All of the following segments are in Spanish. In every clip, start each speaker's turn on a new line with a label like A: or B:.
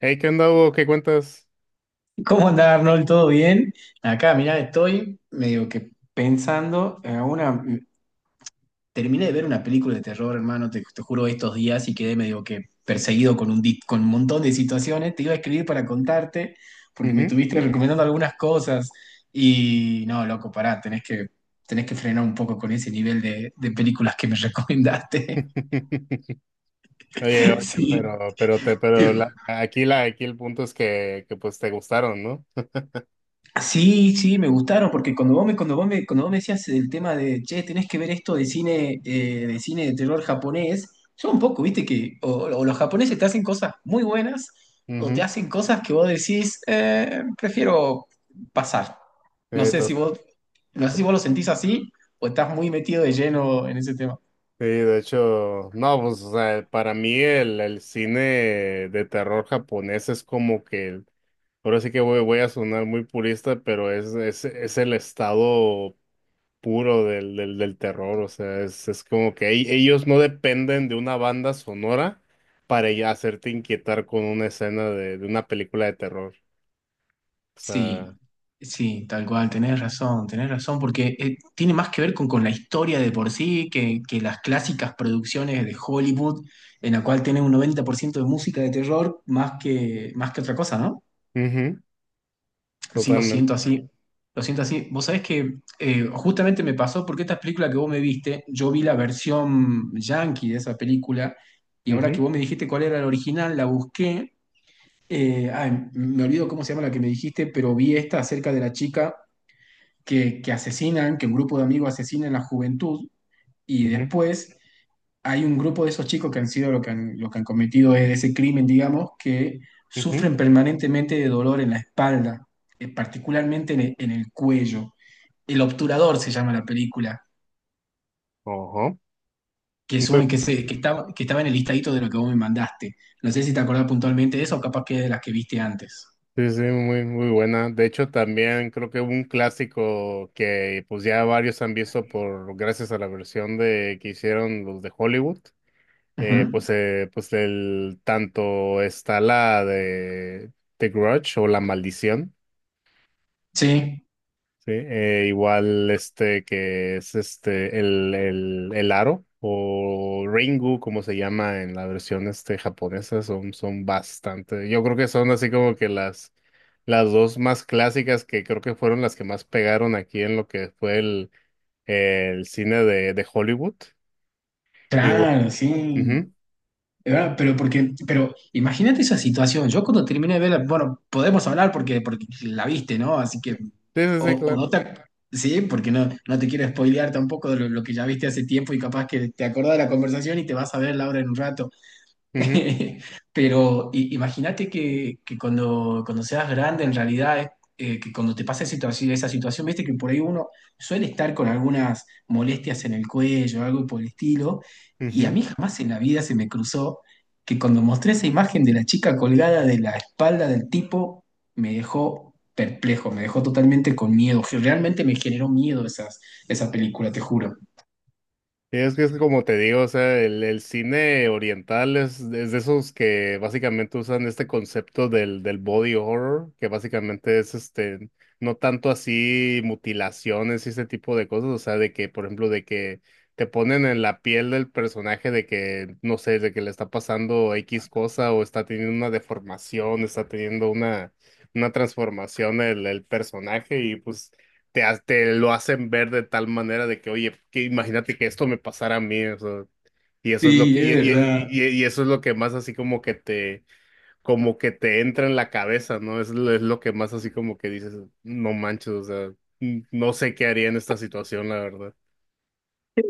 A: Hey, ¿qué onda, Hugo? ¿Qué cuentas?
B: ¿Cómo anda Arnold? ¿Todo bien? Acá, mirá, estoy medio que pensando en una... Terminé de ver una película de terror, hermano, te juro, estos días y quedé medio que perseguido con un montón de situaciones. Te iba a escribir para contarte porque me
A: Ujú.
B: estuviste recomendando algunas cosas y no, loco, pará, tenés que frenar un poco con ese nivel de películas que me recomendaste.
A: Oye, oye,
B: Sí,
A: pero te, pero la, aquí el punto es que pues te gustaron, ¿no?
B: sí, sí, me gustaron, porque cuando vos me, cuando vos me, cuando vos me decías el tema de, che, tenés que ver esto de cine, de cine de terror japonés. Yo un poco, viste que o los japoneses te hacen cosas muy buenas o te
A: Ujú.
B: hacen cosas que vos decís, prefiero pasar". No
A: Eh,
B: sé
A: to-
B: si vos, no sé si vos lo sentís así o estás muy metido de lleno en ese tema.
A: Sí, de hecho, no, pues, o sea, para mí el cine de terror japonés es como que ahora sí que voy a sonar muy purista, pero es el estado puro del terror, o sea, es como que ellos no dependen de una banda sonora para ya hacerte inquietar con una escena de una película de terror, o sea,
B: Sí, sí, tal cual, tenés razón, porque tiene más que ver con la historia de por sí que las clásicas producciones de Hollywood, en la cual tenés un 90% de música de terror más que otra cosa, ¿no?
A: ujú,
B: Sí, lo siento
A: totalmente,
B: así, lo siento así. Vos sabés que justamente me pasó porque esta película que vos me viste, yo vi la versión yankee de esa película, y ahora que
A: ujú,
B: vos me dijiste cuál era la original, la busqué. Ay, me olvido cómo se llama la que me dijiste, pero vi esta acerca de la chica que asesinan, que un grupo de amigos asesinan a la juventud y
A: ujú,
B: después hay un grupo de esos chicos que han sido lo que han, cometido ese crimen, digamos, que
A: ujú,
B: sufren permanentemente de dolor en la espalda, particularmente en el cuello. El obturador se llama la película,
A: ojo.
B: que, es
A: Muy-
B: un- que, se, que estaba en el listadito de lo que vos me mandaste. No sé si te acordás puntualmente de eso o capaz que es de las que viste antes.
A: Sí, sí, muy, muy buena. De hecho, también creo que hubo un clásico que pues ya varios han visto por gracias a la versión de que hicieron los de Hollywood.
B: Ujú.
A: Pues el tanto está la de The Grudge o La Maldición,
B: Sí,
A: ¿sí? Igual este que es este el aro o Ringu, como se llama en la versión este japonesa, son bastante, yo creo que son así como que las dos más clásicas que creo que fueron las que más pegaron aquí en lo que fue el cine de Hollywood. Y, bu-
B: claro, sí.
A: ujú.
B: De verdad, pero porque, pero imagínate esa situación. Yo cuando terminé de verla, bueno, podemos hablar porque, porque la viste, ¿no? Así que,
A: Sí, sí, sí,
B: o
A: claro.
B: no te, ac- sí, porque no te quiero spoilear tampoco de lo, que ya viste hace tiempo y capaz que te acordás de la conversación y te vas a ver la hora en un rato.
A: Ujú,
B: Pero imagínate que cuando seas grande, en realidad, es, que cuando te pasa esa esa situación, viste que por ahí uno suele estar con algunas molestias en el cuello, algo por el estilo, y a
A: ujú.
B: mí jamás en la vida se me cruzó que cuando mostré esa imagen de la chica colgada de la espalda del tipo, me dejó perplejo, me dejó totalmente con miedo, que realmente me generó miedo esa película, te juro.
A: Sí, es que es como te digo, o sea, el cine oriental es de esos que básicamente usan este concepto del body horror, que básicamente es este, no tanto así mutilaciones y ese tipo de cosas, o sea, de que, por ejemplo, de que te ponen en la piel del personaje de que, no sé, de que le está pasando X cosa o está teniendo una deformación, está teniendo una transformación el personaje y pues te lo hacen ver de tal manera de que, oye, que imagínate que esto me pasara a mí, o sea, y eso es lo
B: Sí,
A: que, y,
B: es
A: y- y-
B: verdad.
A: y y eso es lo que más así como que te entra en la cabeza, ¿no? Es lo que más así como que dices, no manches, o sea, no sé qué haría en esta situación, la verdad.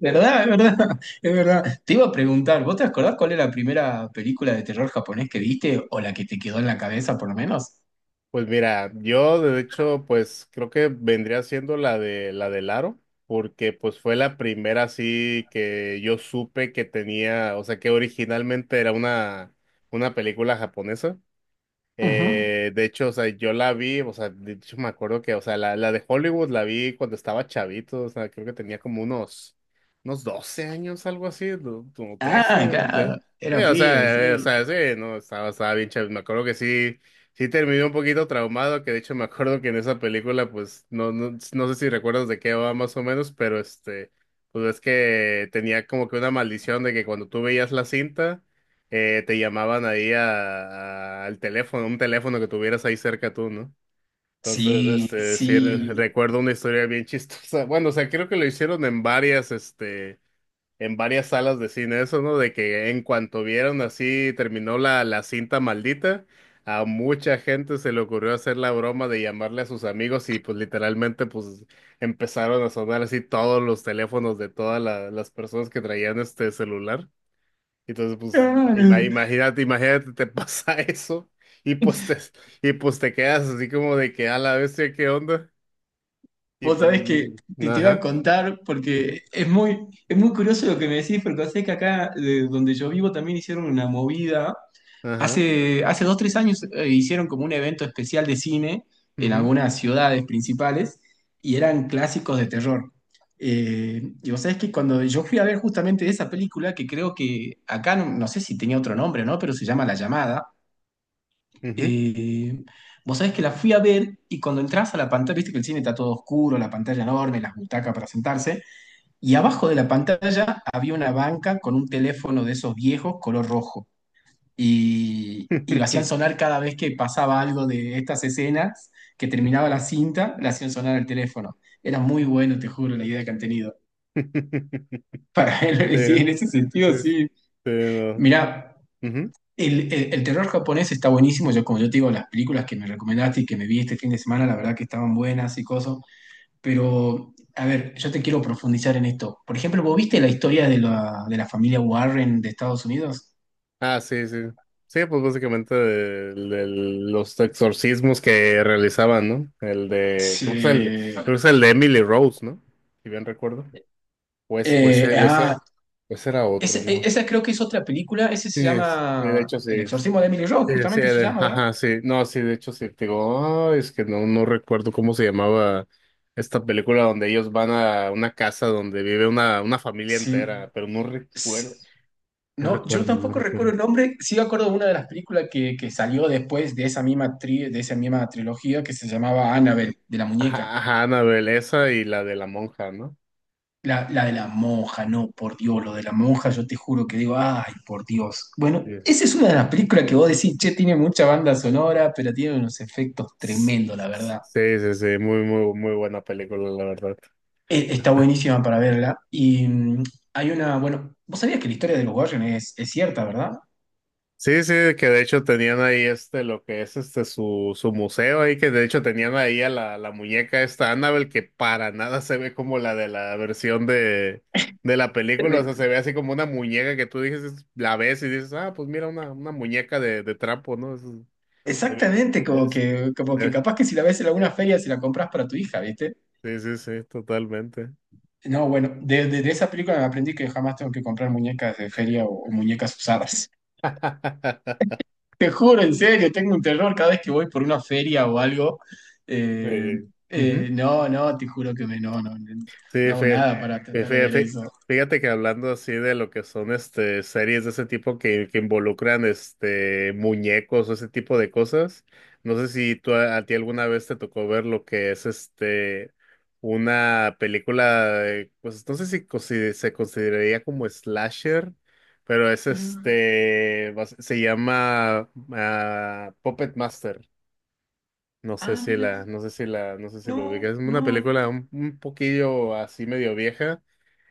B: ¿Verdad? Es verdad, es verdad. Te iba a preguntar, ¿vos te acordás cuál es la primera película de terror japonés que viste o la que te quedó en la cabeza por lo menos?
A: Pues mira, yo de hecho, pues creo que vendría siendo la de la del aro, porque pues fue la primera así que yo supe que tenía, o sea, que originalmente era una película japonesa.
B: Ujú.
A: De hecho, o sea, yo la vi, o sea, de hecho me acuerdo que, o sea, la de Hollywood la vi cuando estaba chavito, o sea, creo que tenía como unos, unos 12 años, algo así, como 13
B: Ah,
A: de-
B: claro,
A: sí,
B: era pibe,
A: o
B: sí.
A: sea, sí, no, estaba, estaba bien chavito, me acuerdo que sí, sí terminé un poquito traumado, que de hecho me acuerdo que en esa película, pues, no, no, no sé si recuerdas de qué va más o menos, pero este, pues es que tenía como que una maldición de que cuando tú veías la cinta, te llamaban ahí al teléfono, un teléfono que tuvieras ahí cerca tú, ¿no? Entonces,
B: Sí,
A: este, sí,
B: sí.
A: recuerdo una historia bien chistosa. Bueno, o sea, creo que lo hicieron en varias, este, en varias salas de cine, eso, ¿no? De que en cuanto vieron así, terminó la cinta maldita, a mucha gente se le ocurrió hacer la broma de llamarle a sus amigos y pues literalmente, pues empezaron a sonar así todos los teléfonos de todas las personas que traían este celular. Entonces, pues,
B: Claro.
A: imagínate, imagínate, te pasa eso y pues te, y pues te quedas así como de que a la bestia, ¿qué onda? Y
B: Vos
A: pues,
B: sabés que
A: y-
B: te iba a
A: ajá,
B: contar porque
A: ujú,
B: es muy curioso lo que me decís, porque sé que acá, de donde yo vivo, también hicieron una movida.
A: ajá,
B: Hace 2, 3 años, hicieron como un evento especial de cine en
A: ujú,
B: algunas ciudades principales y eran clásicos de terror. Y vos sabés que cuando yo fui a ver justamente esa película, que creo que acá no sé si tenía otro nombre o no, pero se llama La Llamada.
A: ujú.
B: eh, vos sabés que la fui a ver y cuando entras a la pantalla, viste que el cine está todo oscuro, la pantalla enorme, las butacas para sentarse, y abajo de la pantalla había una banca con un teléfono de esos viejos color rojo y lo hacían sonar cada vez que pasaba algo de estas escenas, que terminaba la cinta, le hacían sonar el teléfono. Era muy bueno, te juro, la idea que han tenido. Para
A: Sí,
B: él, sí, en ese sentido,
A: este,
B: sí.
A: no,
B: Mirá,
A: ujú.
B: el terror japonés está buenísimo. Yo, como yo te digo, las películas que me recomendaste y que me vi este fin de semana, la verdad que estaban buenas y cosas. Pero, a ver, yo te quiero profundizar en esto. Por ejemplo, ¿vos viste la historia de la familia Warren de Estados Unidos?
A: Ah, sí, sí. Sí, pues básicamente los exorcismos que realizaban, ¿no? El de, creo que es el,
B: Sí.
A: creo que es el de Emily Rose, ¿no? Si bien recuerdo. Pues, pues,
B: Eh,
A: eh, pues,
B: ah,
A: era- pues era otro,
B: Ese- e-
A: ¿no?
B: esa creo que es otra película, ese
A: Sí
B: se
A: es, sí, de
B: llama
A: hecho sí
B: El
A: es.
B: exorcismo de Emily Rose,
A: Sí, sí,
B: justamente se llama, ¿verdad?
A: ajá, sí. No, sí, de hecho sí. Te digo, "Ay, es que no, no recuerdo cómo se llamaba esta película donde ellos van a una casa donde vive una familia
B: Sí,
A: entera, pero no
B: sí.
A: recuerdo. No
B: No, yo
A: recuerdo, no
B: tampoco recuerdo
A: recuerdo.
B: el nombre, sí me acuerdo de una de las películas que salió después de esa misma trilogía que se llamaba Annabelle, de la muñeca.
A: Ajá, ajá, Annabelle, esa y la de la monja, ¿no?
B: La de la monja, no, por Dios, lo de la monja, yo te juro que digo, ay, por Dios. Bueno,
A: Sí.
B: esa es una de las películas que vos decís, che, tiene mucha banda sonora, pero tiene unos efectos
A: Sí,
B: tremendos, la verdad.
A: sí, sí, muy, muy, muy buena película, la verdad.
B: Está buenísima para verla. Y mm, hay una, bueno, vos sabías que la historia de los Warren es cierta, ¿verdad?
A: Sí, sí, que de hecho tenían ahí este, lo que es este, su museo ahí, que de hecho tenían ahí a la muñeca esta Annabelle, que para nada se ve como la de la versión de la película, o sea,
B: Eh,
A: se ve así como una muñeca que tú dices, la ves y dices, ah, pues mira, una muñeca de trapo, ¿no? Eso se ve,
B: Exactamente, como
A: es-
B: que, como
A: se
B: que
A: ve.
B: capaz que si la ves en alguna feria se la compras para tu hija, ¿viste?
A: Sí, sí, sí, totalmente.
B: No, bueno, de, de esa película me aprendí que jamás tengo que comprar muñecas de feria o muñecas usadas. Te juro, en serio, tengo un terror cada vez que voy por una feria o algo. Eh,
A: Sí.
B: no, no, te juro que me, no, no, no
A: Sí,
B: hago nada para
A: fe-
B: tratar de
A: fe-
B: ver
A: fe-
B: eso.
A: fíjate que hablando así de lo que son este series de ese tipo que involucran este muñecos o ese tipo de cosas, no sé si tú a ti alguna vez te tocó ver lo que es este una película, pues no sé si se consideraría como slasher, pero es
B: Mm,
A: este se llama ah, Puppet Master. No sé
B: ah,
A: si
B: mira,
A: la, no sé si la, no sé si lo
B: no,
A: ubicas. Es una
B: no.
A: película un poquillo así medio vieja.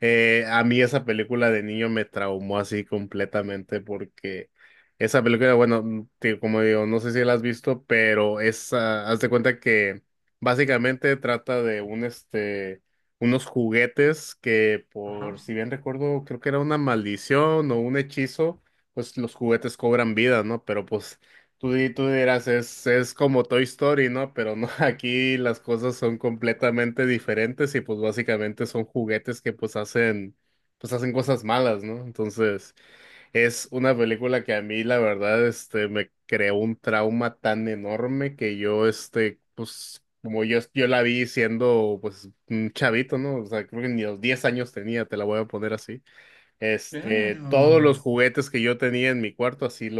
A: A mí esa película de niño me traumó así completamente porque esa película, bueno, mm, como digo, no sé si la has visto, pero es, ah, haz de cuenta que básicamente trata de un, este, unos juguetes que por,
B: Ajá.
A: si bien recuerdo, creo que era una maldición o un hechizo, pues los juguetes cobran vida, ¿no? Pero pues tú, tú dirás, es como Toy Story, ¿no? Pero no, aquí las cosas son completamente diferentes y pues básicamente son juguetes que pues hacen cosas malas, ¿no? Entonces, es una película que a mí la verdad, este, me creó un trauma tan enorme que yo, este, pues como yo la vi siendo pues un chavito, ¿no? O sea, creo que ni los 10 años tenía, te la voy a poner así. Este, todos los
B: Claro.
A: juguetes que yo tenía en mi cuarto, así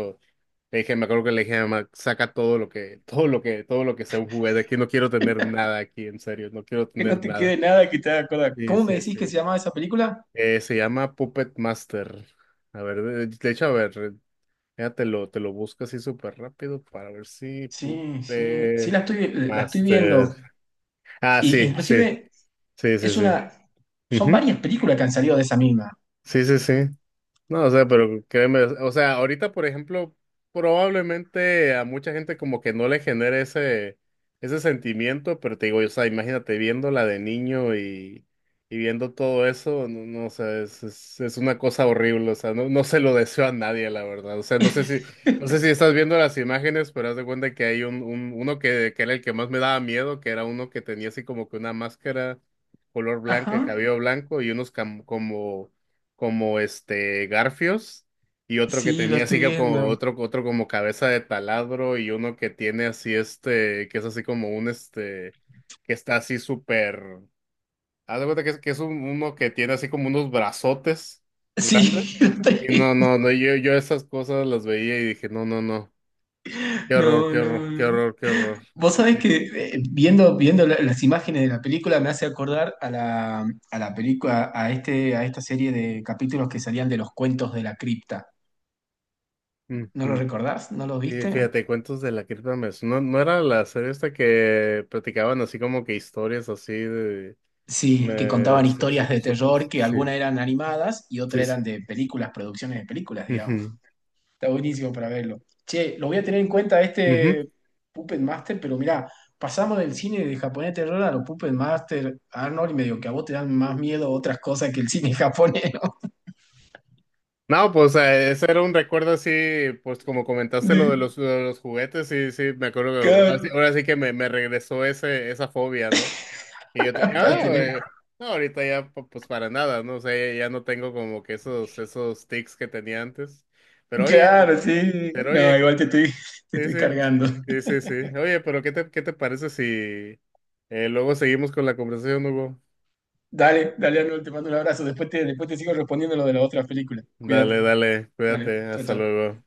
A: le dije, me acuerdo que le dije a mi mamá, saca todo lo que, todo lo que, todo lo que sea un juguete aquí, no quiero tener nada aquí, en serio, no quiero
B: Que no
A: tener
B: te
A: nada.
B: quede nada que te haga acordar.
A: Sí,
B: ¿Cómo me
A: sí,
B: decís
A: sí.
B: que se llamaba esa película?
A: Se llama Puppet Master. A ver, de hecho, a ver, ya te lo busco así súper rápido para ver si
B: Sí, sí, sí la
A: Puppet
B: estoy, la, estoy
A: Master.
B: viendo.
A: Ah,
B: Y,
A: sí, sí,
B: inclusive
A: sí, sí,
B: es
A: sí.
B: una, son
A: Ujú.
B: varias películas que han salido de esa misma.
A: Sí, sí, sí. No, o sea, pero créeme, o sea, ahorita, por ejemplo, probablemente a mucha gente como que no le genere ese, ese sentimiento, pero te digo, o sea, imagínate viéndola de niño y viendo todo eso, no, no, o sea, es una cosa horrible, o sea, no, no se lo deseo a nadie, la verdad, o sea, no sé si, no sé si estás viendo las imágenes, pero haz de cuenta que hay un uno que era el que más me daba miedo, que era uno que tenía así como que una máscara color blanca,
B: Ajá.
A: cabello blanco y unos como este garfios y otro que
B: Sí, lo
A: tenía así
B: estoy
A: que
B: viendo.
A: como otro como cabeza de taladro y uno que tiene así este que es así como un este que está así súper haz de cuenta que es uno que tiene así como unos brazotes grandes
B: Sí, lo estoy
A: y no
B: viendo.
A: no no yo yo esas cosas las veía y dije no no no qué horror
B: No,
A: qué horror
B: no,
A: qué
B: no.
A: horror qué horror.
B: Vos sabés que viendo, las imágenes de la película me hace acordar a la película, a esta serie de capítulos que salían de los cuentos de la cripta. ¿No lo
A: Ujú.
B: recordás? ¿No lo
A: Y
B: viste?
A: fíjate, Cuentos de la Cripta me no, no era la serie esta que platicaban así como que historias así de...
B: Sí, que
A: Me
B: contaban historias de terror,
A: supas,
B: que
A: sí,
B: algunas eran animadas y
A: sí.
B: otras
A: Sí.
B: eran de películas, producciones de películas, digamos.
A: Ujú,
B: Está buenísimo para verlo. Che, lo voy a tener en cuenta
A: ujú.
B: este Puppet Master, pero mirá, pasamos del cine de japonés de terror a los Puppet Master, Arnold, y medio que a vos te dan más miedo otras cosas que el cine japonés, ¿no?
A: No, pues ese era un recuerdo así, pues como comentaste
B: De-
A: lo de los juguetes, sí, sí, me acuerdo que ahora
B: claro,
A: sí que me regresó ese, esa fobia, ¿no? Y yo tenía,
B: para
A: no,
B: tener-
A: no, ahorita ya pues para nada, ¿no? O sea, ya, ya no tengo como que esos, esos tics que tenía antes. Pero oye,
B: claro, sí.
A: pero
B: No,
A: oye,
B: igual
A: que-
B: te estoy, te
A: sí,
B: estoy
A: sí,
B: cargando.
A: sí, sí, sí. Oye, pero qué te parece si luego seguimos con la conversación, Hugo?
B: Dale, dale, Arnold, te mando un abrazo. Después te sigo respondiendo lo de las otras películas.
A: Dale,
B: Cuídate.
A: dale,
B: Dale,
A: cuídate,
B: chao,
A: hasta
B: chao.
A: luego.